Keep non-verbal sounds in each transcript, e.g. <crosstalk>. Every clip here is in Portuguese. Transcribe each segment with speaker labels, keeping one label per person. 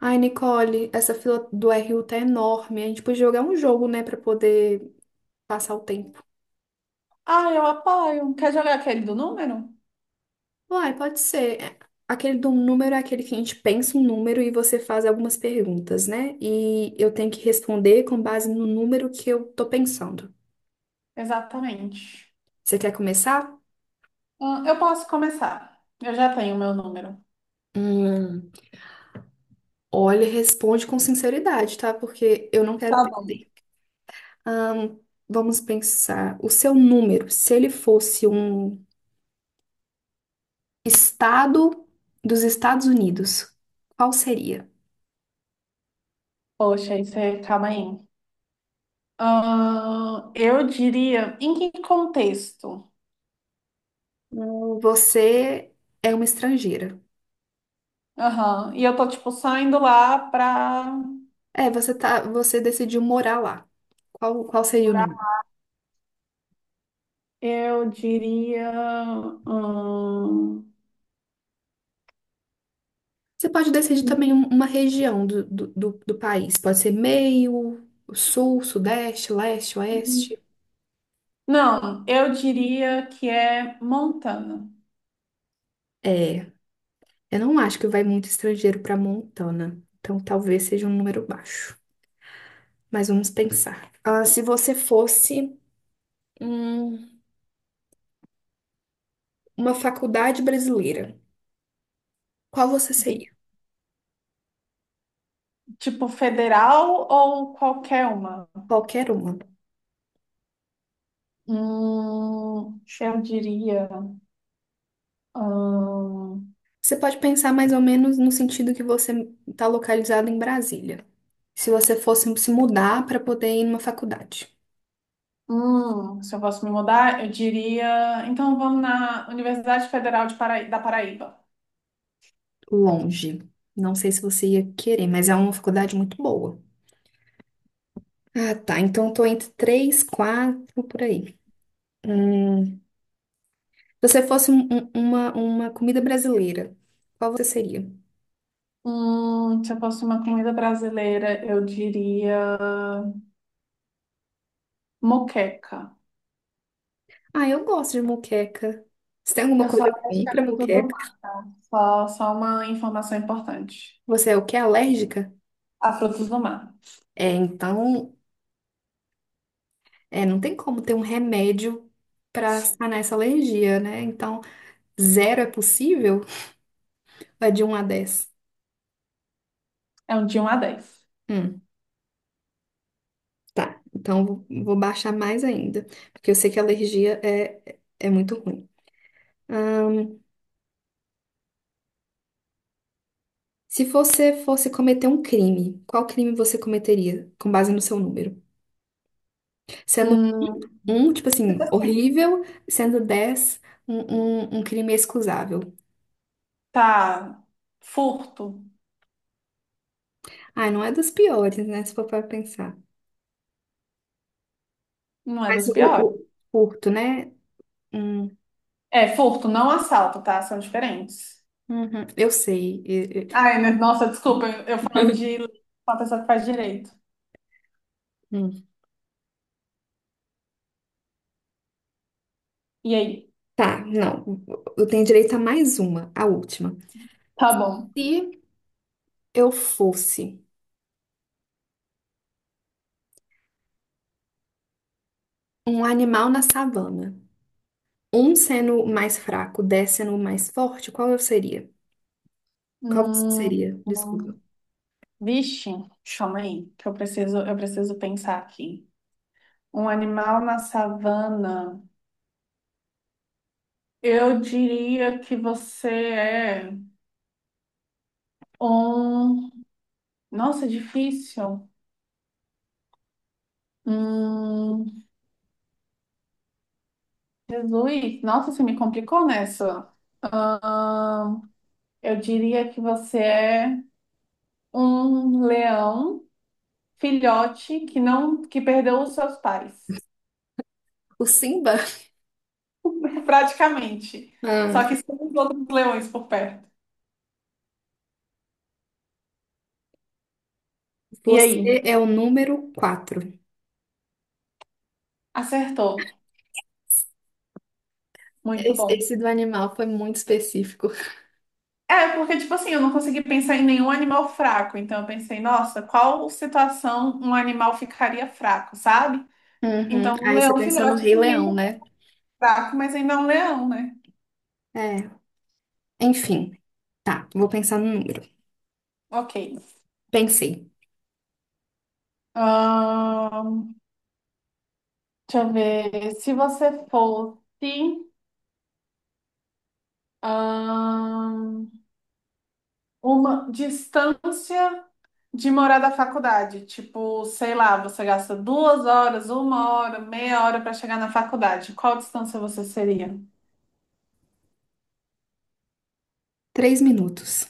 Speaker 1: Ai, Nicole, essa fila do RU tá enorme. A gente podia jogar um jogo, né, pra poder passar o tempo.
Speaker 2: Ah, eu apoio. Quer jogar aquele do número?
Speaker 1: Uai, pode ser. Aquele do número é aquele que a gente pensa um número e você faz algumas perguntas, né? E eu tenho que responder com base no número que eu tô pensando.
Speaker 2: Exatamente.
Speaker 1: Você quer começar?
Speaker 2: Ah, eu posso começar. Eu já tenho o meu número.
Speaker 1: Hum, olha, responde com sinceridade, tá? Porque eu não
Speaker 2: Tá
Speaker 1: quero
Speaker 2: bom.
Speaker 1: perder. Ahn, vamos pensar. O seu número, se ele fosse um Estado dos Estados Unidos. Qual seria?
Speaker 2: Poxa, isso é. Calma aí. Ah, eu diria. Em que contexto?
Speaker 1: Você é uma estrangeira.
Speaker 2: Aham. E eu tô, tipo, saindo lá pra
Speaker 1: É, você tá, você decidiu morar lá. Qual, seria o
Speaker 2: morar.
Speaker 1: nome?
Speaker 2: Eu diria. hum,
Speaker 1: Você pode decidir também uma região do país. Pode ser meio, sul, sudeste, leste, oeste.
Speaker 2: Não, eu diria que é Montana.
Speaker 1: É, eu não acho que vai muito estrangeiro para Montana. Então talvez seja um número baixo. Mas vamos pensar. Ah, se você fosse hum, uma faculdade brasileira, qual você
Speaker 2: Bi-
Speaker 1: seria?
Speaker 2: Tipo, federal ou qualquer uma?
Speaker 1: Qualquer uma.
Speaker 2: Eu diria. Hum,
Speaker 1: Você pode pensar mais ou menos no sentido que você está localizado em Brasília. Se você fosse se mudar para poder ir numa faculdade.
Speaker 2: Se eu fosse me mudar, eu diria. Então vamos na Universidade Federal de da Paraíba.
Speaker 1: Longe. Não sei se você ia querer, mas é uma faculdade muito boa. Ah, tá. Então tô entre três, quatro, por aí. Se você fosse uma comida brasileira, qual você seria?
Speaker 2: Se eu fosse uma comida brasileira, eu diria moqueca.
Speaker 1: Ah, eu gosto de moqueca. Você tem alguma
Speaker 2: Eu só
Speaker 1: coisa para
Speaker 2: acho
Speaker 1: ir
Speaker 2: que é
Speaker 1: para
Speaker 2: fruta do
Speaker 1: moqueca?
Speaker 2: mar. Só uma informação importante.
Speaker 1: Você é o que? Alérgica?
Speaker 2: A fruta do mar.
Speaker 1: É, então. É, não tem como ter um remédio para sanar essa alergia, né? Então, zero é possível? Vai de um a 10.
Speaker 2: É um de um a 10.
Speaker 1: Hum, tá. Então, vou baixar mais ainda, porque eu sei que a alergia é muito ruim. Ahn, se você fosse cometer um crime, qual crime você cometeria com base no seu número? Sendo
Speaker 2: Hum,
Speaker 1: um, tipo
Speaker 2: tipo
Speaker 1: assim,
Speaker 2: assim,
Speaker 1: horrível, sendo 10, um, um crime excusável.
Speaker 2: tá. Furto.
Speaker 1: Ah, não é dos piores, né? Se for para pensar.
Speaker 2: Não é
Speaker 1: Mas
Speaker 2: dos piores.
Speaker 1: curto, né? Hum,
Speaker 2: É, furto, não assalto, tá? São diferentes.
Speaker 1: Uhum, eu sei.
Speaker 2: Ai, né? Nossa, desculpa, eu falando
Speaker 1: E-
Speaker 2: de
Speaker 1: <laughs>
Speaker 2: uma pessoa que faz direito.
Speaker 1: Hum.
Speaker 2: E aí?
Speaker 1: Tá, não. Eu tenho direito a mais uma, a última.
Speaker 2: Tá bom.
Speaker 1: Se eu fosse um animal na savana, um sendo o mais fraco, dez sendo o mais forte, qual eu seria? Qual você
Speaker 2: Hum,
Speaker 1: seria?
Speaker 2: hum.
Speaker 1: Desculpa.
Speaker 2: Vixe, chama aí, que eu preciso pensar aqui. Um animal na savana. Eu diria que você é um. Nossa, difícil. Hum, Jesus, nossa, você me complicou nessa. Ahn, eu diria que você é um leão filhote que não que perdeu os seus pais,
Speaker 1: O Simba?
Speaker 2: <laughs> praticamente. Só
Speaker 1: Ah,
Speaker 2: que sem os outros leões por perto. E aí?
Speaker 1: você é o número quatro.
Speaker 2: Acertou. Muito
Speaker 1: Esse,
Speaker 2: bom.
Speaker 1: esse do animal foi muito específico.
Speaker 2: É, porque, tipo assim, eu não consegui pensar em nenhum animal fraco. Então, eu pensei, nossa, qual situação um animal ficaria fraco, sabe?
Speaker 1: Uhum.
Speaker 2: Então, um
Speaker 1: Aí você
Speaker 2: leão
Speaker 1: pensou no
Speaker 2: filhote,
Speaker 1: Rei
Speaker 2: se ninguém
Speaker 1: Leão,
Speaker 2: for
Speaker 1: né?
Speaker 2: fraco, mas ainda é um leão, né?
Speaker 1: É. Enfim, tá. Vou pensar no número.
Speaker 2: Ok.
Speaker 1: Pensei.
Speaker 2: Ahn, Deixa eu ver. Se você fosse ahn, uma distância de morar da faculdade. Tipo, sei lá, você gasta 2 horas, 1 hora, meia hora para chegar na faculdade. Qual distância você seria?
Speaker 1: Três minutos.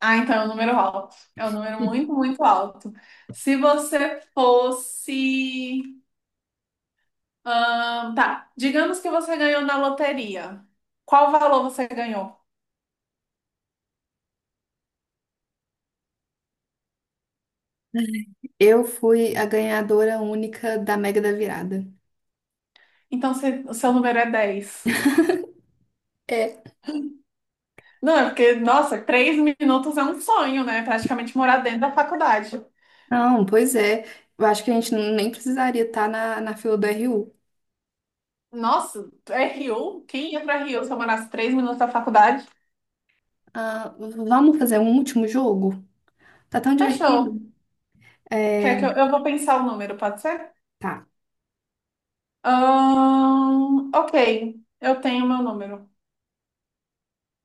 Speaker 2: Ah, então é um número alto. É um número
Speaker 1: <laughs>
Speaker 2: muito, muito alto. Se você fosse tá. Digamos que você ganhou na loteria. Qual valor você ganhou?
Speaker 1: Eu fui a ganhadora única da Mega da Virada.
Speaker 2: Então, o seu número é 10.
Speaker 1: É.
Speaker 2: Não, é porque, nossa, 3 minutos é um sonho, né? Praticamente morar dentro da faculdade.
Speaker 1: Não, pois é. Eu acho que a gente nem precisaria estar na, na fila do RU.
Speaker 2: Nossa, é Rio? Quem ia pra Rio se eu morasse 3 minutos da faculdade?
Speaker 1: Ah, vamos fazer um último jogo? Tá tão
Speaker 2: Fechou.
Speaker 1: divertido. É,
Speaker 2: Quer que eu vou pensar o número, pode ser?
Speaker 1: tá.
Speaker 2: Ok, eu tenho meu número.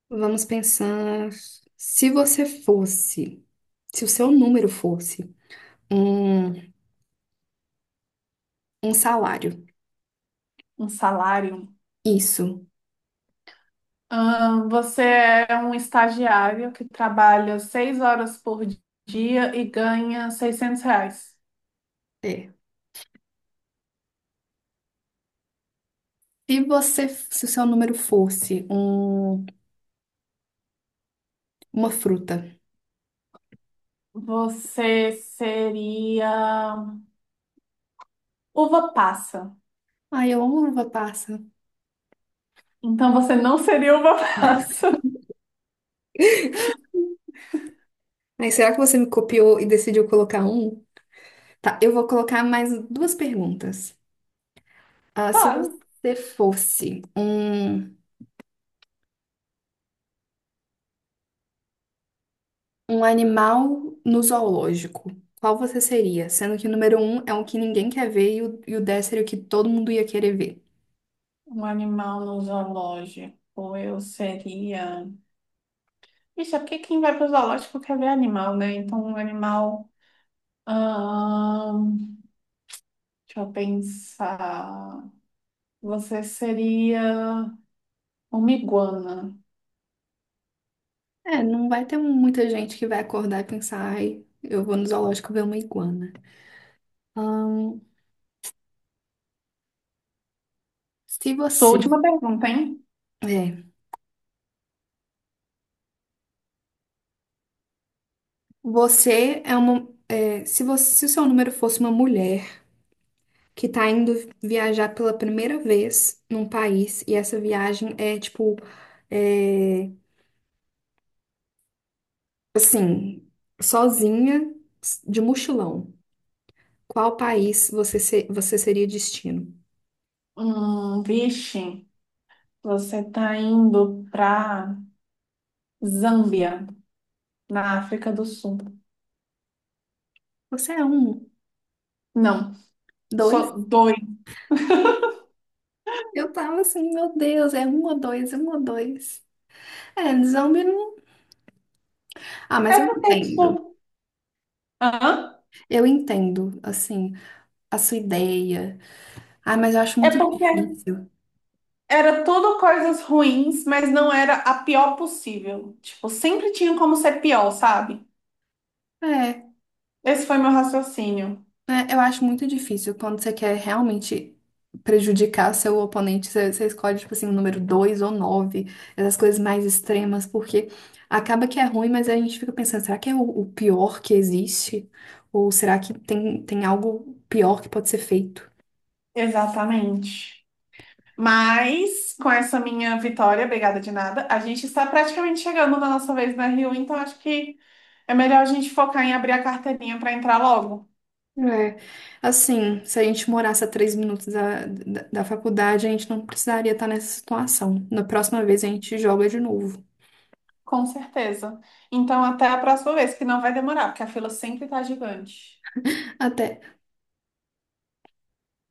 Speaker 1: Vamos pensar. Se você fosse, se o seu número fosse um, um salário,
Speaker 2: Um salário.
Speaker 1: isso
Speaker 2: Você é um estagiário que trabalha 6 horas por dia e ganha R$ 600.
Speaker 1: é. Se você, se o seu número fosse um, uma fruta.
Speaker 2: Você seria uva passa.
Speaker 1: Ai, eu amo uva passa.
Speaker 2: Então você não seria uva passa. <laughs>
Speaker 1: Mas será que você me copiou e decidiu colocar um? Tá, eu vou colocar mais duas perguntas. Ah,
Speaker 2: Tá,
Speaker 1: se você fosse um, um animal no zoológico, qual você seria? Sendo que o número um é o que ninguém quer ver e o dez seria o que todo mundo ia querer ver.
Speaker 2: um animal no zoológico, eu seria. Ixi, é porque quem vai para o zoológico quer ver animal, né? Então, um animal. ahn, Deixa eu pensar. Você seria uma iguana.
Speaker 1: É, não vai ter muita gente que vai acordar e pensar, ai, eu vou no zoológico ver uma iguana. Ahn, se
Speaker 2: Sua
Speaker 1: você.
Speaker 2: última pergunta, hein?
Speaker 1: É, você é uma. Se você, se o seu número fosse uma mulher que tá indo viajar pela primeira vez num país e essa viagem é tipo, é, assim, sozinha, de mochilão. Qual país você, você seria destino?
Speaker 2: Vixe, você tá indo pra Zâmbia, na África do Sul.
Speaker 1: Você é um,
Speaker 2: Não,
Speaker 1: dois?
Speaker 2: sou doida.
Speaker 1: Eu tava assim, meu Deus, é um ou dois, um ou dois. É, zombie não. Ah, mas
Speaker 2: É
Speaker 1: eu
Speaker 2: porque,
Speaker 1: entendo.
Speaker 2: tipo, hã?
Speaker 1: Eu entendo, assim, a sua ideia. Ah, mas eu acho
Speaker 2: É
Speaker 1: muito
Speaker 2: porque
Speaker 1: difícil.
Speaker 2: era tudo coisas ruins, mas não era a pior possível. Tipo, sempre tinha como ser pior, sabe?
Speaker 1: É,
Speaker 2: Esse foi meu raciocínio.
Speaker 1: É, eu acho muito difícil quando você quer realmente prejudicar seu oponente, você, você escolhe, tipo assim, o número 2 ou 9, essas coisas mais extremas, porque acaba que é ruim, mas a gente fica pensando, será que é o pior que existe? Ou será que tem, tem algo pior que pode ser feito?
Speaker 2: Exatamente. Mas, com essa minha vitória, obrigada de nada, a gente está praticamente chegando na nossa vez na Rio, então acho que é melhor a gente focar em abrir a carteirinha para entrar logo.
Speaker 1: É, assim, se a gente morasse a três minutos da faculdade, a gente não precisaria estar nessa situação. Na próxima vez a gente joga de novo.
Speaker 2: Com certeza. Então, até a próxima vez, que não vai demorar, porque a fila sempre tá gigante.
Speaker 1: Até,